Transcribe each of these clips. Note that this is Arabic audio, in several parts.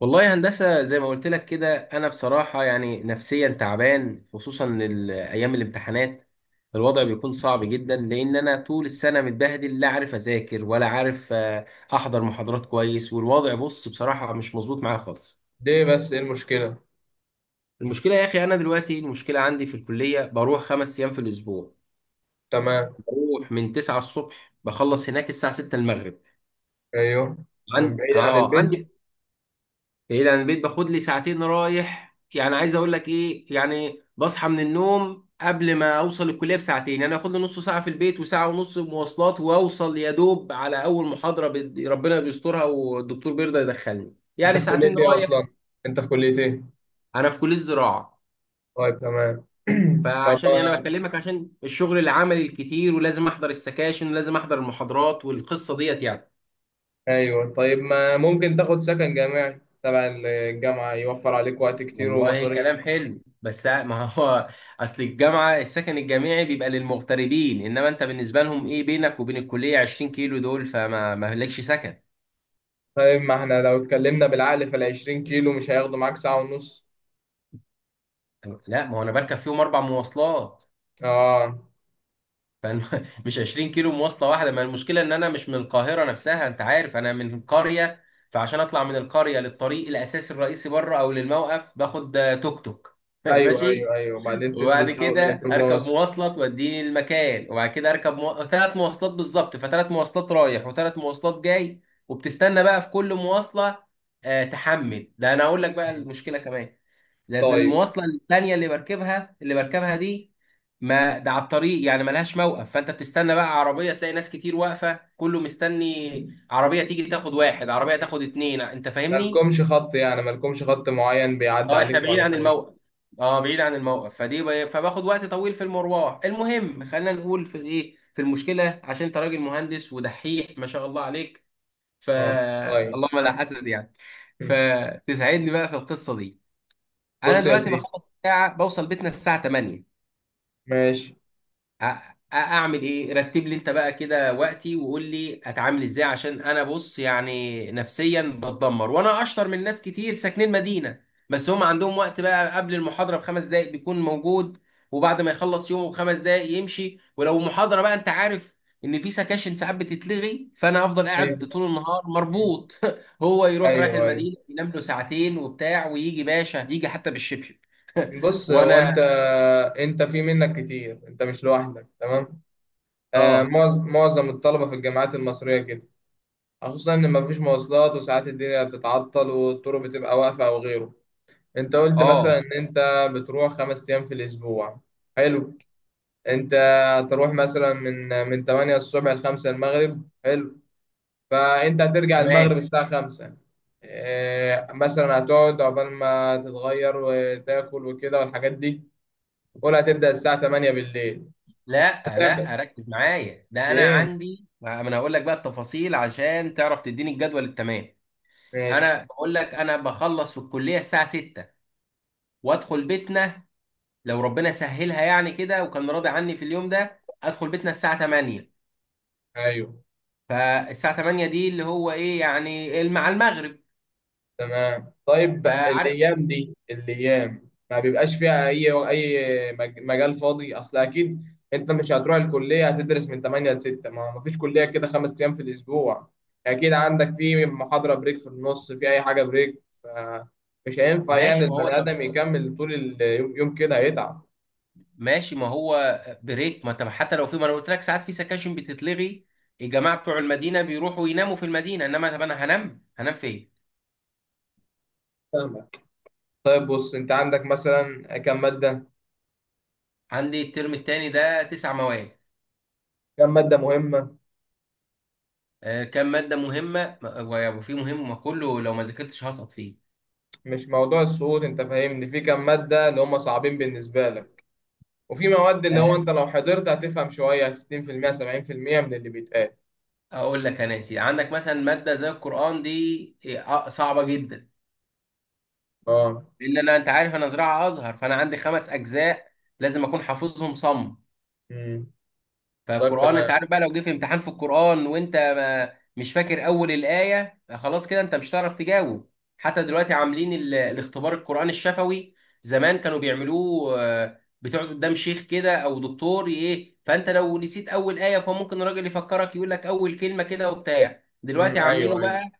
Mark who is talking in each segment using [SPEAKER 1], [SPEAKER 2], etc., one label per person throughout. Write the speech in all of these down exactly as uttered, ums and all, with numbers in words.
[SPEAKER 1] والله يا هندسة، زي ما قلت لك كده أنا بصراحة يعني نفسيا تعبان، خصوصا ال- أيام الامتحانات الوضع بيكون صعب جدا، لأن أنا طول السنة متبهدل، لا عارف أذاكر ولا عارف آه، أحضر محاضرات كويس. والوضع بص بصراحة مش مظبوط معايا خالص.
[SPEAKER 2] ليه بس ايه المشكلة؟
[SPEAKER 1] المشكلة يا أخي، أنا دلوقتي المشكلة عندي في الكلية، بروح خمس أيام في الأسبوع.
[SPEAKER 2] تمام.
[SPEAKER 1] بروح من 9 الصبح، بخلص هناك الساعة ستة المغرب.
[SPEAKER 2] ايوه. من
[SPEAKER 1] عند...
[SPEAKER 2] بعيد عن
[SPEAKER 1] آه،
[SPEAKER 2] البيت.
[SPEAKER 1] عندي بعيد عن البيت، باخد لي ساعتين رايح يعني. عايز اقول لك ايه، يعني بصحى من النوم قبل ما اوصل الكليه بساعتين، يعني اخد لي نص ساعه في البيت وساعه ونص مواصلات، واوصل يا دوب على اول محاضره. بد- ربنا بيسترها والدكتور بيرضى يدخلني
[SPEAKER 2] انت
[SPEAKER 1] يعني.
[SPEAKER 2] في كلية
[SPEAKER 1] ساعتين
[SPEAKER 2] ايه
[SPEAKER 1] رايح.
[SPEAKER 2] اصلا؟ انت في كلية ايه؟
[SPEAKER 1] انا في كليه الزراعه.
[SPEAKER 2] طيب تمام. طب
[SPEAKER 1] فعشان يعني
[SPEAKER 2] ما
[SPEAKER 1] بكلمك عشان الشغل العملي الكتير، ولازم احضر السكاشن ولازم احضر المحاضرات، والقصه ديت يعني.
[SPEAKER 2] ايوه، طيب ما ممكن تاخد سكن جامعي تبع الجامعة، يوفر عليك وقت كتير
[SPEAKER 1] والله
[SPEAKER 2] ومصاريف.
[SPEAKER 1] كلام حلو بس ما هو، اصل الجامعه السكن الجامعي بيبقى للمغتربين، انما انت بالنسبه لهم ايه، بينك وبين الكليه 20 كيلو دول، فما ما لكش سكن.
[SPEAKER 2] طيب ما احنا لو اتكلمنا بالعقل، فالعشرين كيلو مش هياخدوا معاك ساعة ونص.
[SPEAKER 1] لا ما هو انا بركب فيهم اربع مواصلات.
[SPEAKER 2] اه.
[SPEAKER 1] فأنا- مش 20 كيلو مواصله واحده، ما المشكله ان انا مش من القاهره نفسها، انت عارف انا من قريه. فعشان اطلع من القريه للطريق الاساسي الرئيسي بره او للموقف، باخد آه، توك توك
[SPEAKER 2] ايوه ايوه
[SPEAKER 1] ماشي.
[SPEAKER 2] ايوه، بعدين
[SPEAKER 1] وبعد
[SPEAKER 2] تنزل تاخد
[SPEAKER 1] كده اركب
[SPEAKER 2] ميكروباص.
[SPEAKER 1] مواصله توديني المكان، وبعد كده اركب مو... ثلاث مواصلات بالظبط. فثلاث مواصلات رايح وثلاث مواصلات جاي. وبتستنى بقى في كل مواصله. آه تحمل ده، انا اقول لك بقى المشكله كمان. ده
[SPEAKER 2] طيب
[SPEAKER 1] المواصله الثانيه اللي بركبها اللي بركبها دي، ما ده على الطريق يعني ملهاش موقف، فانت بتستنى بقى عربيه، تلاقي ناس كتير واقفه كله مستني عربيه تيجي، تاخد واحد عربيه تاخد اتنين، انت فاهمني.
[SPEAKER 2] مالكمش خط؟ يعني مالكمش خط معين بيعدي
[SPEAKER 1] اه احنا
[SPEAKER 2] عليكوا
[SPEAKER 1] بعيد
[SPEAKER 2] على
[SPEAKER 1] عن
[SPEAKER 2] طول؟
[SPEAKER 1] الموقف. اه بعيد عن الموقف، فدي ب... فباخد وقت طويل في المروح. المهم خلينا نقول في ايه، في المشكله، عشان انت راجل مهندس ودحيح ما شاء الله عليك. ف
[SPEAKER 2] اه. طيب
[SPEAKER 1] اللهم لا حسد يعني. فتساعدني بقى في القصه دي. انا
[SPEAKER 2] بص يا
[SPEAKER 1] دلوقتي
[SPEAKER 2] سيدي،
[SPEAKER 1] بخلص الساعه، بوصل بيتنا الساعه تمانية.
[SPEAKER 2] ماشي.
[SPEAKER 1] أ- أ- اعمل ايه، رتب لي انت بقى كده وقتي، وقول لي اتعامل ازاي، عشان انا بص يعني نفسيا بتدمر. وانا اشطر من ناس كتير ساكنين مدينة، بس هم عندهم وقت بقى، قبل المحاضرة بخمس دقايق بيكون موجود، وبعد ما يخلص يومه بخمس دقايق يمشي. ولو محاضرة بقى انت عارف ان في سكاشن ساعات بتتلغي، فانا افضل قاعد
[SPEAKER 2] ايوه
[SPEAKER 1] طول النهار مربوط. هو يروح رايح
[SPEAKER 2] ايوه ايوه،
[SPEAKER 1] المدينة، ينام له ساعتين وبتاع، ويجي باشا يجي حتى بالشبشب.
[SPEAKER 2] بص هو
[SPEAKER 1] وانا
[SPEAKER 2] انت، انت في منك كتير، انت مش لوحدك تمام. آه
[SPEAKER 1] اه،
[SPEAKER 2] معظ- معظم الطلبه في الجامعات المصريه كده، خصوصا ان مفيش مواصلات وساعات الدنيا بتتعطل والطرق بتبقى واقفه او غيره. انت قلت مثلا
[SPEAKER 1] اه،
[SPEAKER 2] ان انت بتروح خمس ايام في الاسبوع، حلو. انت هتروح مثلا من من تمانية الصبح ل خمسة المغرب، حلو. فانت هترجع المغرب
[SPEAKER 1] تمام.
[SPEAKER 2] الساعة خمسة. إيه، مثلا هتقعد عقبال ما تتغير وتاكل وكده والحاجات دي، قول هتبدأ الساعة تمانية بالليل.
[SPEAKER 1] لا
[SPEAKER 2] هتعمل
[SPEAKER 1] لا ركز معايا، ده انا
[SPEAKER 2] ايه؟
[SPEAKER 1] عندي، ما انا هقول لك بقى التفاصيل عشان تعرف تديني الجدول التمام.
[SPEAKER 2] ماشي.
[SPEAKER 1] انا بقول لك انا بخلص في الكليه الساعه ستة وادخل بيتنا. لو ربنا سهلها يعني كده وكان راضي عني في اليوم ده، ادخل بيتنا الساعه تمانية.
[SPEAKER 2] ايوه
[SPEAKER 1] فالساعه تمانية دي اللي هو ايه يعني، مع المغرب.
[SPEAKER 2] تمام. طيب
[SPEAKER 1] فعارف
[SPEAKER 2] الايام دي الايام ما بيبقاش فيها اي اي مج- مجال فاضي، اصل اكيد انت مش هتروح الكليه هتدرس من تمانية ل ستة، ما ما فيش كليه كده خمس ايام في الاسبوع. اكيد عندك في محاضره بريك في النص، في اي حاجه بريك، فمش هينفع يعني
[SPEAKER 1] ماشي، ما هو
[SPEAKER 2] البني ادم
[SPEAKER 1] طب،
[SPEAKER 2] يكمل طول اليوم، يوم كده هيتعب.
[SPEAKER 1] ماشي ما هو بريك، ما طب حتى لو في، ما انا قلت لك ساعات في سكاشن بتتلغي. الجماعه بتوع المدينه بيروحوا يناموا في المدينه، انما طب انا هنام هنام فين؟
[SPEAKER 2] فاهمك. طيب بص، انت عندك مثلا كم ماده؟
[SPEAKER 1] عندي الترم التاني ده تسع مواد.
[SPEAKER 2] كم ماده مهمه؟
[SPEAKER 1] آه، كام مادة مهمة م- وفي مهم، ما كله لو ما ذاكرتش هسقط فيه.
[SPEAKER 2] مش موضوع السقوط، انت فاهمني، في كم ماده اللي هم صعبين بالنسبه لك وفي مواد اللي هو
[SPEAKER 1] آه،
[SPEAKER 2] انت لو حضرت هتفهم شوية ستين في المية سبعين في المية من اللي بيتقال.
[SPEAKER 1] اقول لك يا ناسي، عندك مثلا مادة زي القرآن دي آه، صعبة جدا.
[SPEAKER 2] اه.
[SPEAKER 1] لان انا انت عارف انا زراعة ازهر، فانا عندي خمس اجزاء لازم اكون حافظهم صم.
[SPEAKER 2] امم. طيب
[SPEAKER 1] فالقرآن انت
[SPEAKER 2] تمام.
[SPEAKER 1] عارف بقى، لو جه في امتحان في القرآن وانت ما مش فاكر اول الآية، خلاص كده انت مش هتعرف تجاوب. حتى دلوقتي عاملين ال- الاختبار القرآن الشفوي. زمان كانوا بيعملوه آه، بتقعد قدام شيخ كده او دكتور ايه، فانت لو نسيت اول آية، فممكن الراجل يفكرك يقول لك اول كلمة كده وبتاع. دلوقتي
[SPEAKER 2] امم. ايوه
[SPEAKER 1] عاملينه
[SPEAKER 2] ايوه.
[SPEAKER 1] بقى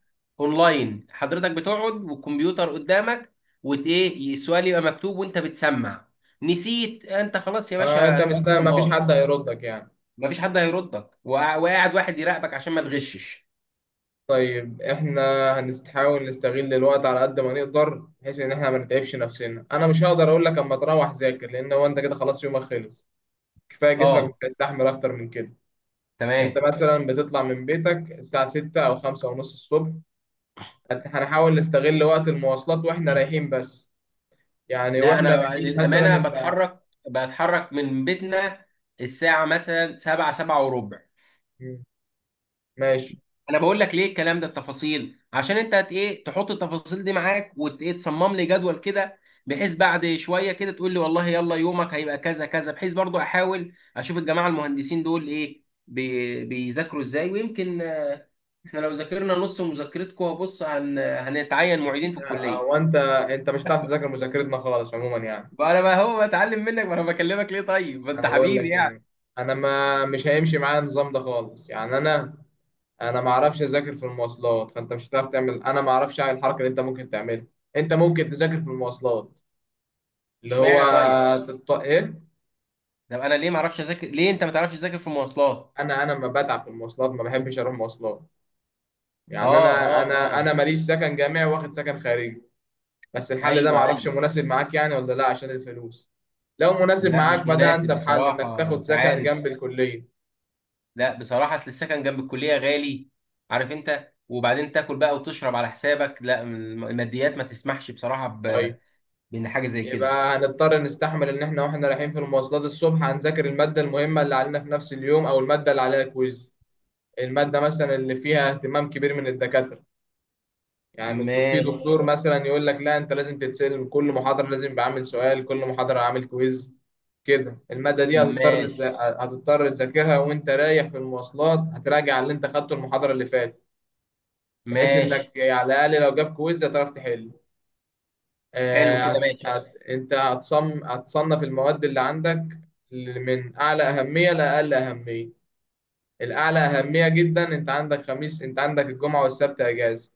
[SPEAKER 1] اونلاين. حضرتك بتقعد والكمبيوتر قدامك، وت ايه السؤال يبقى مكتوب وانت بتسمع. نسيت انت، خلاص يا
[SPEAKER 2] آه انت
[SPEAKER 1] باشا توكل
[SPEAKER 2] مستني
[SPEAKER 1] على
[SPEAKER 2] ما فيش
[SPEAKER 1] الله،
[SPEAKER 2] حد هيردك يعني.
[SPEAKER 1] مفيش حد هيردك. وقع- وقاعد واحد يراقبك عشان ما تغشش.
[SPEAKER 2] طيب احنا هنحاول نستغل الوقت على قد ما نقدر، بحيث ان احنا ما نتعبش نفسنا. انا مش هقدر اقول لك اما تروح ذاكر، لان هو انت كده خلاص يومك خلص، كفايه جسمك مش
[SPEAKER 1] اه
[SPEAKER 2] هيستحمل اكتر من كده. انت
[SPEAKER 1] تمام.
[SPEAKER 2] مثلا بتطلع من بيتك الساعه ستة او خمسة ونص الصبح، هت- هنحاول نستغل وقت المواصلات واحنا رايحين بس. يعني
[SPEAKER 1] لا
[SPEAKER 2] واحنا
[SPEAKER 1] انا
[SPEAKER 2] رايحين مثلا
[SPEAKER 1] للامانه
[SPEAKER 2] انت
[SPEAKER 1] بتحرك بتحرك من بيتنا الساعه مثلا سبعة، سبعة وربع.
[SPEAKER 2] مم. ماشي.
[SPEAKER 1] انا بقول لك ليه الكلام ده التفاصيل، عشان انت هت ايه، تحط التفاصيل دي معاك وتصمم لي جدول كده، بحيث بعد شويه كده تقول لي والله يلا يومك هيبقى كذا كذا، بحيث برضو احاول اشوف الجماعه المهندسين دول ايه بي بيذاكروا ازاي، ويمكن آه، احنا لو ذاكرنا نص مذاكرتكم بص، هن هنتعين معيدين في
[SPEAKER 2] آه،
[SPEAKER 1] الكليه
[SPEAKER 2] وانت انت مش هتعرف تذاكر مذاكرتنا خالص عموما يعني.
[SPEAKER 1] بقى. انا بقى هو بتعلم منك، ما انا بكلمك ليه طيب، ما انت
[SPEAKER 2] انا بقول
[SPEAKER 1] حبيبي
[SPEAKER 2] لك
[SPEAKER 1] يعني.
[SPEAKER 2] يعني، انا ما مش هيمشي معايا النظام ده خالص، يعني انا انا ما اعرفش اذاكر في المواصلات، فانت مش هتعرف تعمل، انا ما اعرفش اعمل الحركه اللي انت ممكن تعملها. انت ممكن تذاكر في المواصلات، اللي هو
[SPEAKER 1] اشمعنى طيب،
[SPEAKER 2] تط... ايه.
[SPEAKER 1] طب انا ليه ما اعرفش اذاكر، ليه انت ما تعرفش تذاكر في المواصلات.
[SPEAKER 2] انا انا ما بتعب في المواصلات، ما بحبش اروح مواصلات.
[SPEAKER 1] اه،
[SPEAKER 2] يعني انا
[SPEAKER 1] اه،
[SPEAKER 2] انا
[SPEAKER 1] اه،
[SPEAKER 2] انا ماليش سكن جامعي، واخد سكن خارجي. بس الحل ده
[SPEAKER 1] ايوه،
[SPEAKER 2] معرفش
[SPEAKER 1] ايوه.
[SPEAKER 2] مناسب معاك يعني ولا لا، عشان الفلوس. لو مناسب
[SPEAKER 1] لا
[SPEAKER 2] معاك
[SPEAKER 1] مش
[SPEAKER 2] فده
[SPEAKER 1] مناسب
[SPEAKER 2] انسب حل، انك
[SPEAKER 1] بصراحة
[SPEAKER 2] تاخد
[SPEAKER 1] انت
[SPEAKER 2] سكن
[SPEAKER 1] عارف.
[SPEAKER 2] جنب الكلية.
[SPEAKER 1] لا بصراحة اصل السكن جنب الكلية غالي، عارف انت، وبعدين تاكل بقى وتشرب على حسابك. لا الم- الماديات ما تسمحش بصراحة ب...
[SPEAKER 2] طيب،
[SPEAKER 1] بان حاجة زي كده.
[SPEAKER 2] يبقى هنضطر نستحمل ان احنا واحنا رايحين في المواصلات الصبح، هنذاكر المادة المهمة اللي علينا في نفس اليوم او المادة اللي عليها كويز. المادة مثلا اللي فيها اهتمام كبير من الدكاترة، يعني الدك- في
[SPEAKER 1] ماشي،
[SPEAKER 2] دكتور مثلا يقول لك لا انت لازم تتسلم كل محاضرة، لازم بعمل سؤال كل محاضرة، عامل كويز. كده المادة دي هتضطر
[SPEAKER 1] ماشي،
[SPEAKER 2] تذا- هتضطر تذاكرها، وانت رايح في المواصلات هتراجع اللي انت خدته المحاضرة اللي فاتت، بحيث
[SPEAKER 1] ماشي،
[SPEAKER 2] انك يعني على الأقل لو جاب كويز هتعرف تحل.
[SPEAKER 1] حلو
[SPEAKER 2] آه،
[SPEAKER 1] كده
[SPEAKER 2] هت...
[SPEAKER 1] ماشي.
[SPEAKER 2] هت... انت هتصم... هتصنف المواد اللي عندك من أعلى أهمية لأقل أهمية. الأعلى أهمية جدا، انت عندك خميس، انت عندك الجمعة والسبت أجازة،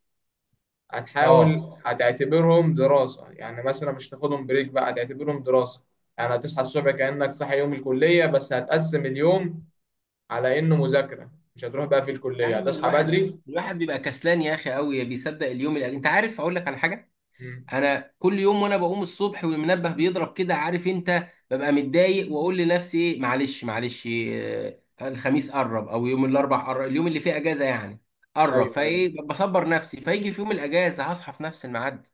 [SPEAKER 1] اه
[SPEAKER 2] هتحاول هتعتبرهم دراسة يعني، مثلا مش تاخدهم بريك بقى، هتعتبرهم دراسة. يعني هتصحى الصبح كأنك صاحي يوم الكلية، بس هتقسم اليوم على انه مذاكره، مش هتروح بقى في
[SPEAKER 1] يا
[SPEAKER 2] الكليه،
[SPEAKER 1] عم،
[SPEAKER 2] هتصحى
[SPEAKER 1] الواحد،
[SPEAKER 2] بدري.
[SPEAKER 1] الواحد بيبقى كسلان يا اخي قوي، بيصدق اليوم اللي... انت عارف اقول لك على حاجة.
[SPEAKER 2] مم.
[SPEAKER 1] انا كل يوم وانا بقوم الصبح والمنبه بيضرب كده، عارف انت، ببقى متضايق واقول لنفسي ايه، معلش معلش إيه، الخميس قرب او يوم الاربع قرب، اليوم اللي فيه اجازه يعني قرب،
[SPEAKER 2] ايوه ايوه.
[SPEAKER 1] فايه بصبر نفسي. فيجي في يوم الاجازه هصحى في نفس الميعاد.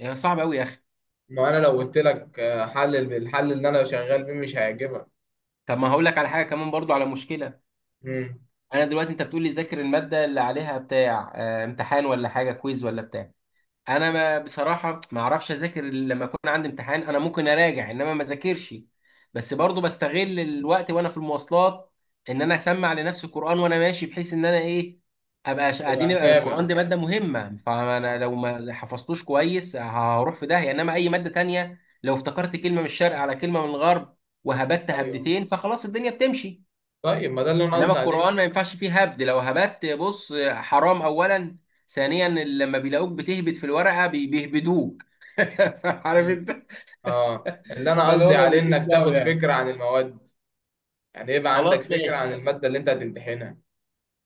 [SPEAKER 1] يا صعب قوي يا اخي.
[SPEAKER 2] ما انا لو قلت لك آه، حل، الحل اللي انا شغال بيه مش هيعجبك.
[SPEAKER 1] طب ما هقول لك على حاجه كمان برضو، على مشكله.
[SPEAKER 2] مم.
[SPEAKER 1] انا دلوقتي انت بتقول لي ذاكر الماده اللي عليها بتاع آه، امتحان ولا حاجه كويز ولا بتاع. انا ما بصراحه ما اعرفش اذاكر إلا لما اكون عندي امتحان. انا ممكن اراجع انما ما اذاكرش. بس برضو بستغل الوقت وانا في المواصلات، ان انا اسمع لنفسي قران وانا ماشي، بحيث ان انا ايه، ابقى ش- قاعدين،
[SPEAKER 2] تبقى
[SPEAKER 1] يبقى
[SPEAKER 2] متابع.
[SPEAKER 1] القران
[SPEAKER 2] مم.
[SPEAKER 1] دي ماده مهمه، فانا
[SPEAKER 2] اه.
[SPEAKER 1] لو ما حفظتوش كويس هروح في داهيه. انما اي ماده تانية لو افتكرت كلمه من الشرق على كلمه من الغرب وهبت
[SPEAKER 2] ايوه
[SPEAKER 1] هبدتين فخلاص الدنيا بتمشي.
[SPEAKER 2] طيب ما ده اللي انا
[SPEAKER 1] انما
[SPEAKER 2] قصدي عليه.
[SPEAKER 1] القران ما ينفعش فيه هبد، لو هبدت بص حرام اولا، ثانيا لما بيلاقوك بتهبد في الورقه بي- بيهبدوك عارف
[SPEAKER 2] مم.
[SPEAKER 1] انت.
[SPEAKER 2] اه، اللي انا قصدي
[SPEAKER 1] فالوضع
[SPEAKER 2] عليه
[SPEAKER 1] بيكون
[SPEAKER 2] انك
[SPEAKER 1] صعب
[SPEAKER 2] تاخد
[SPEAKER 1] يعني.
[SPEAKER 2] فكره عن المواد، يعني يبقى عندك
[SPEAKER 1] خلاص
[SPEAKER 2] فكره
[SPEAKER 1] ماشي.
[SPEAKER 2] عن الماده اللي انت هتمتحنها،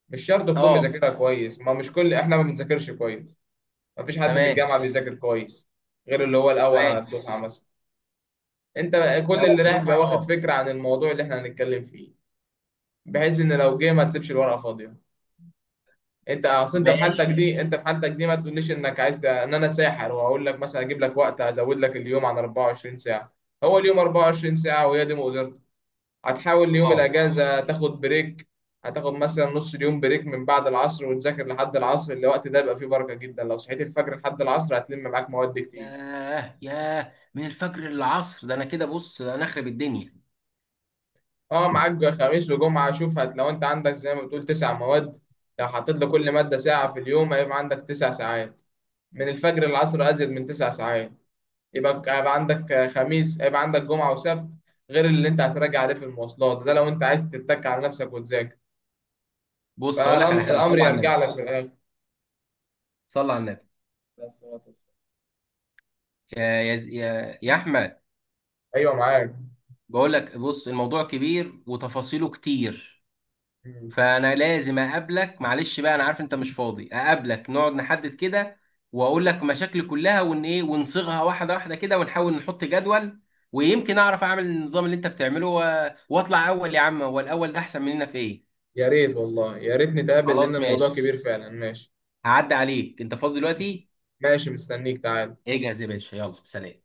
[SPEAKER 2] مش شرط تكون
[SPEAKER 1] اه
[SPEAKER 2] مذاكرها كويس، ما مش كل احنا ما بنذاكرش كويس، ما فيش حد في
[SPEAKER 1] تمام،
[SPEAKER 2] الجامعه بيذاكر كويس غير اللي هو الاول على
[SPEAKER 1] تمام.
[SPEAKER 2] الدفعه مثلا. انت
[SPEAKER 1] يا
[SPEAKER 2] كل
[SPEAKER 1] اول
[SPEAKER 2] اللي رايح بيبقى
[SPEAKER 1] دفعه
[SPEAKER 2] واخد
[SPEAKER 1] اه.
[SPEAKER 2] فكره عن الموضوع اللي احنا هنتكلم فيه، بحيث ان لو جه ما تسيبش الورقه فاضيه. انت اصل انت في حالتك
[SPEAKER 1] ماشي
[SPEAKER 2] دي انت في حالتك دي ما تقوليش انك عايز ت- ان انا ساحر، واقول لك مثلا اجيب لك وقت ازود لك اليوم عن أربعة وعشرين ساعه. هو اليوم أربعة وعشرين ساعه وهي دي مقدرته. هتحاول يوم
[SPEAKER 1] اه.
[SPEAKER 2] الاجازه تاخد بريك، هتاخد مثلا نص اليوم بريك، من بعد العصر وتذاكر لحد العصر، الوقت ده يبقى فيه بركه جدا، لو صحيت الفجر لحد العصر هتلم معاك مواد كتير.
[SPEAKER 1] ياه ياه، من الفجر للعصر ده، انا كده بص انا اخرب الدنيا.
[SPEAKER 2] اه، معاك خميس وجمعة، شوف هت لو انت عندك زي ما بتقول تسع مواد، لو حطيت لكل مادة ساعة في اليوم هيبقى عندك تسع ساعات، من الفجر للعصر أزيد من تسع ساعات، يبقى ك- هيبقى عندك خميس، هيبقى عندك جمعة وسبت، غير اللي انت هتراجع عليه في المواصلات ده، لو انت عايز تتك على نفسك وتذاكر،
[SPEAKER 1] بص اقول لك على حاجه،
[SPEAKER 2] فالأمر
[SPEAKER 1] صلى على
[SPEAKER 2] يرجع
[SPEAKER 1] النبي،
[SPEAKER 2] لك في الآخر.
[SPEAKER 1] صلى على النبي، يا يا يا يا احمد.
[SPEAKER 2] ايوه معاك.
[SPEAKER 1] بقول لك بص الموضوع كبير وتفاصيله كتير،
[SPEAKER 2] مم.
[SPEAKER 1] فانا لازم اقابلك. معلش بقى انا عارف انت مش فاضي. اقابلك نقعد نحدد كده، واقول لك مشاكلي كلها ون ايه، ونصيغها واحده واحده كده، ونحاول نحط جدول، ويمكن اعرف اعمل النظام اللي انت بتعمله و- واطلع اول يا عم، هو الاول ده احسن مننا في ايه.
[SPEAKER 2] يا ريت والله، يا ريت نتقابل لأن
[SPEAKER 1] خلاص
[SPEAKER 2] الموضوع
[SPEAKER 1] ماشي،
[SPEAKER 2] كبير فعلا. ماشي
[SPEAKER 1] هعدي عليك، انت فاضي دلوقتي؟
[SPEAKER 2] ماشي، مستنيك تعال.
[SPEAKER 1] اجهز يا باشا، يلا سلام.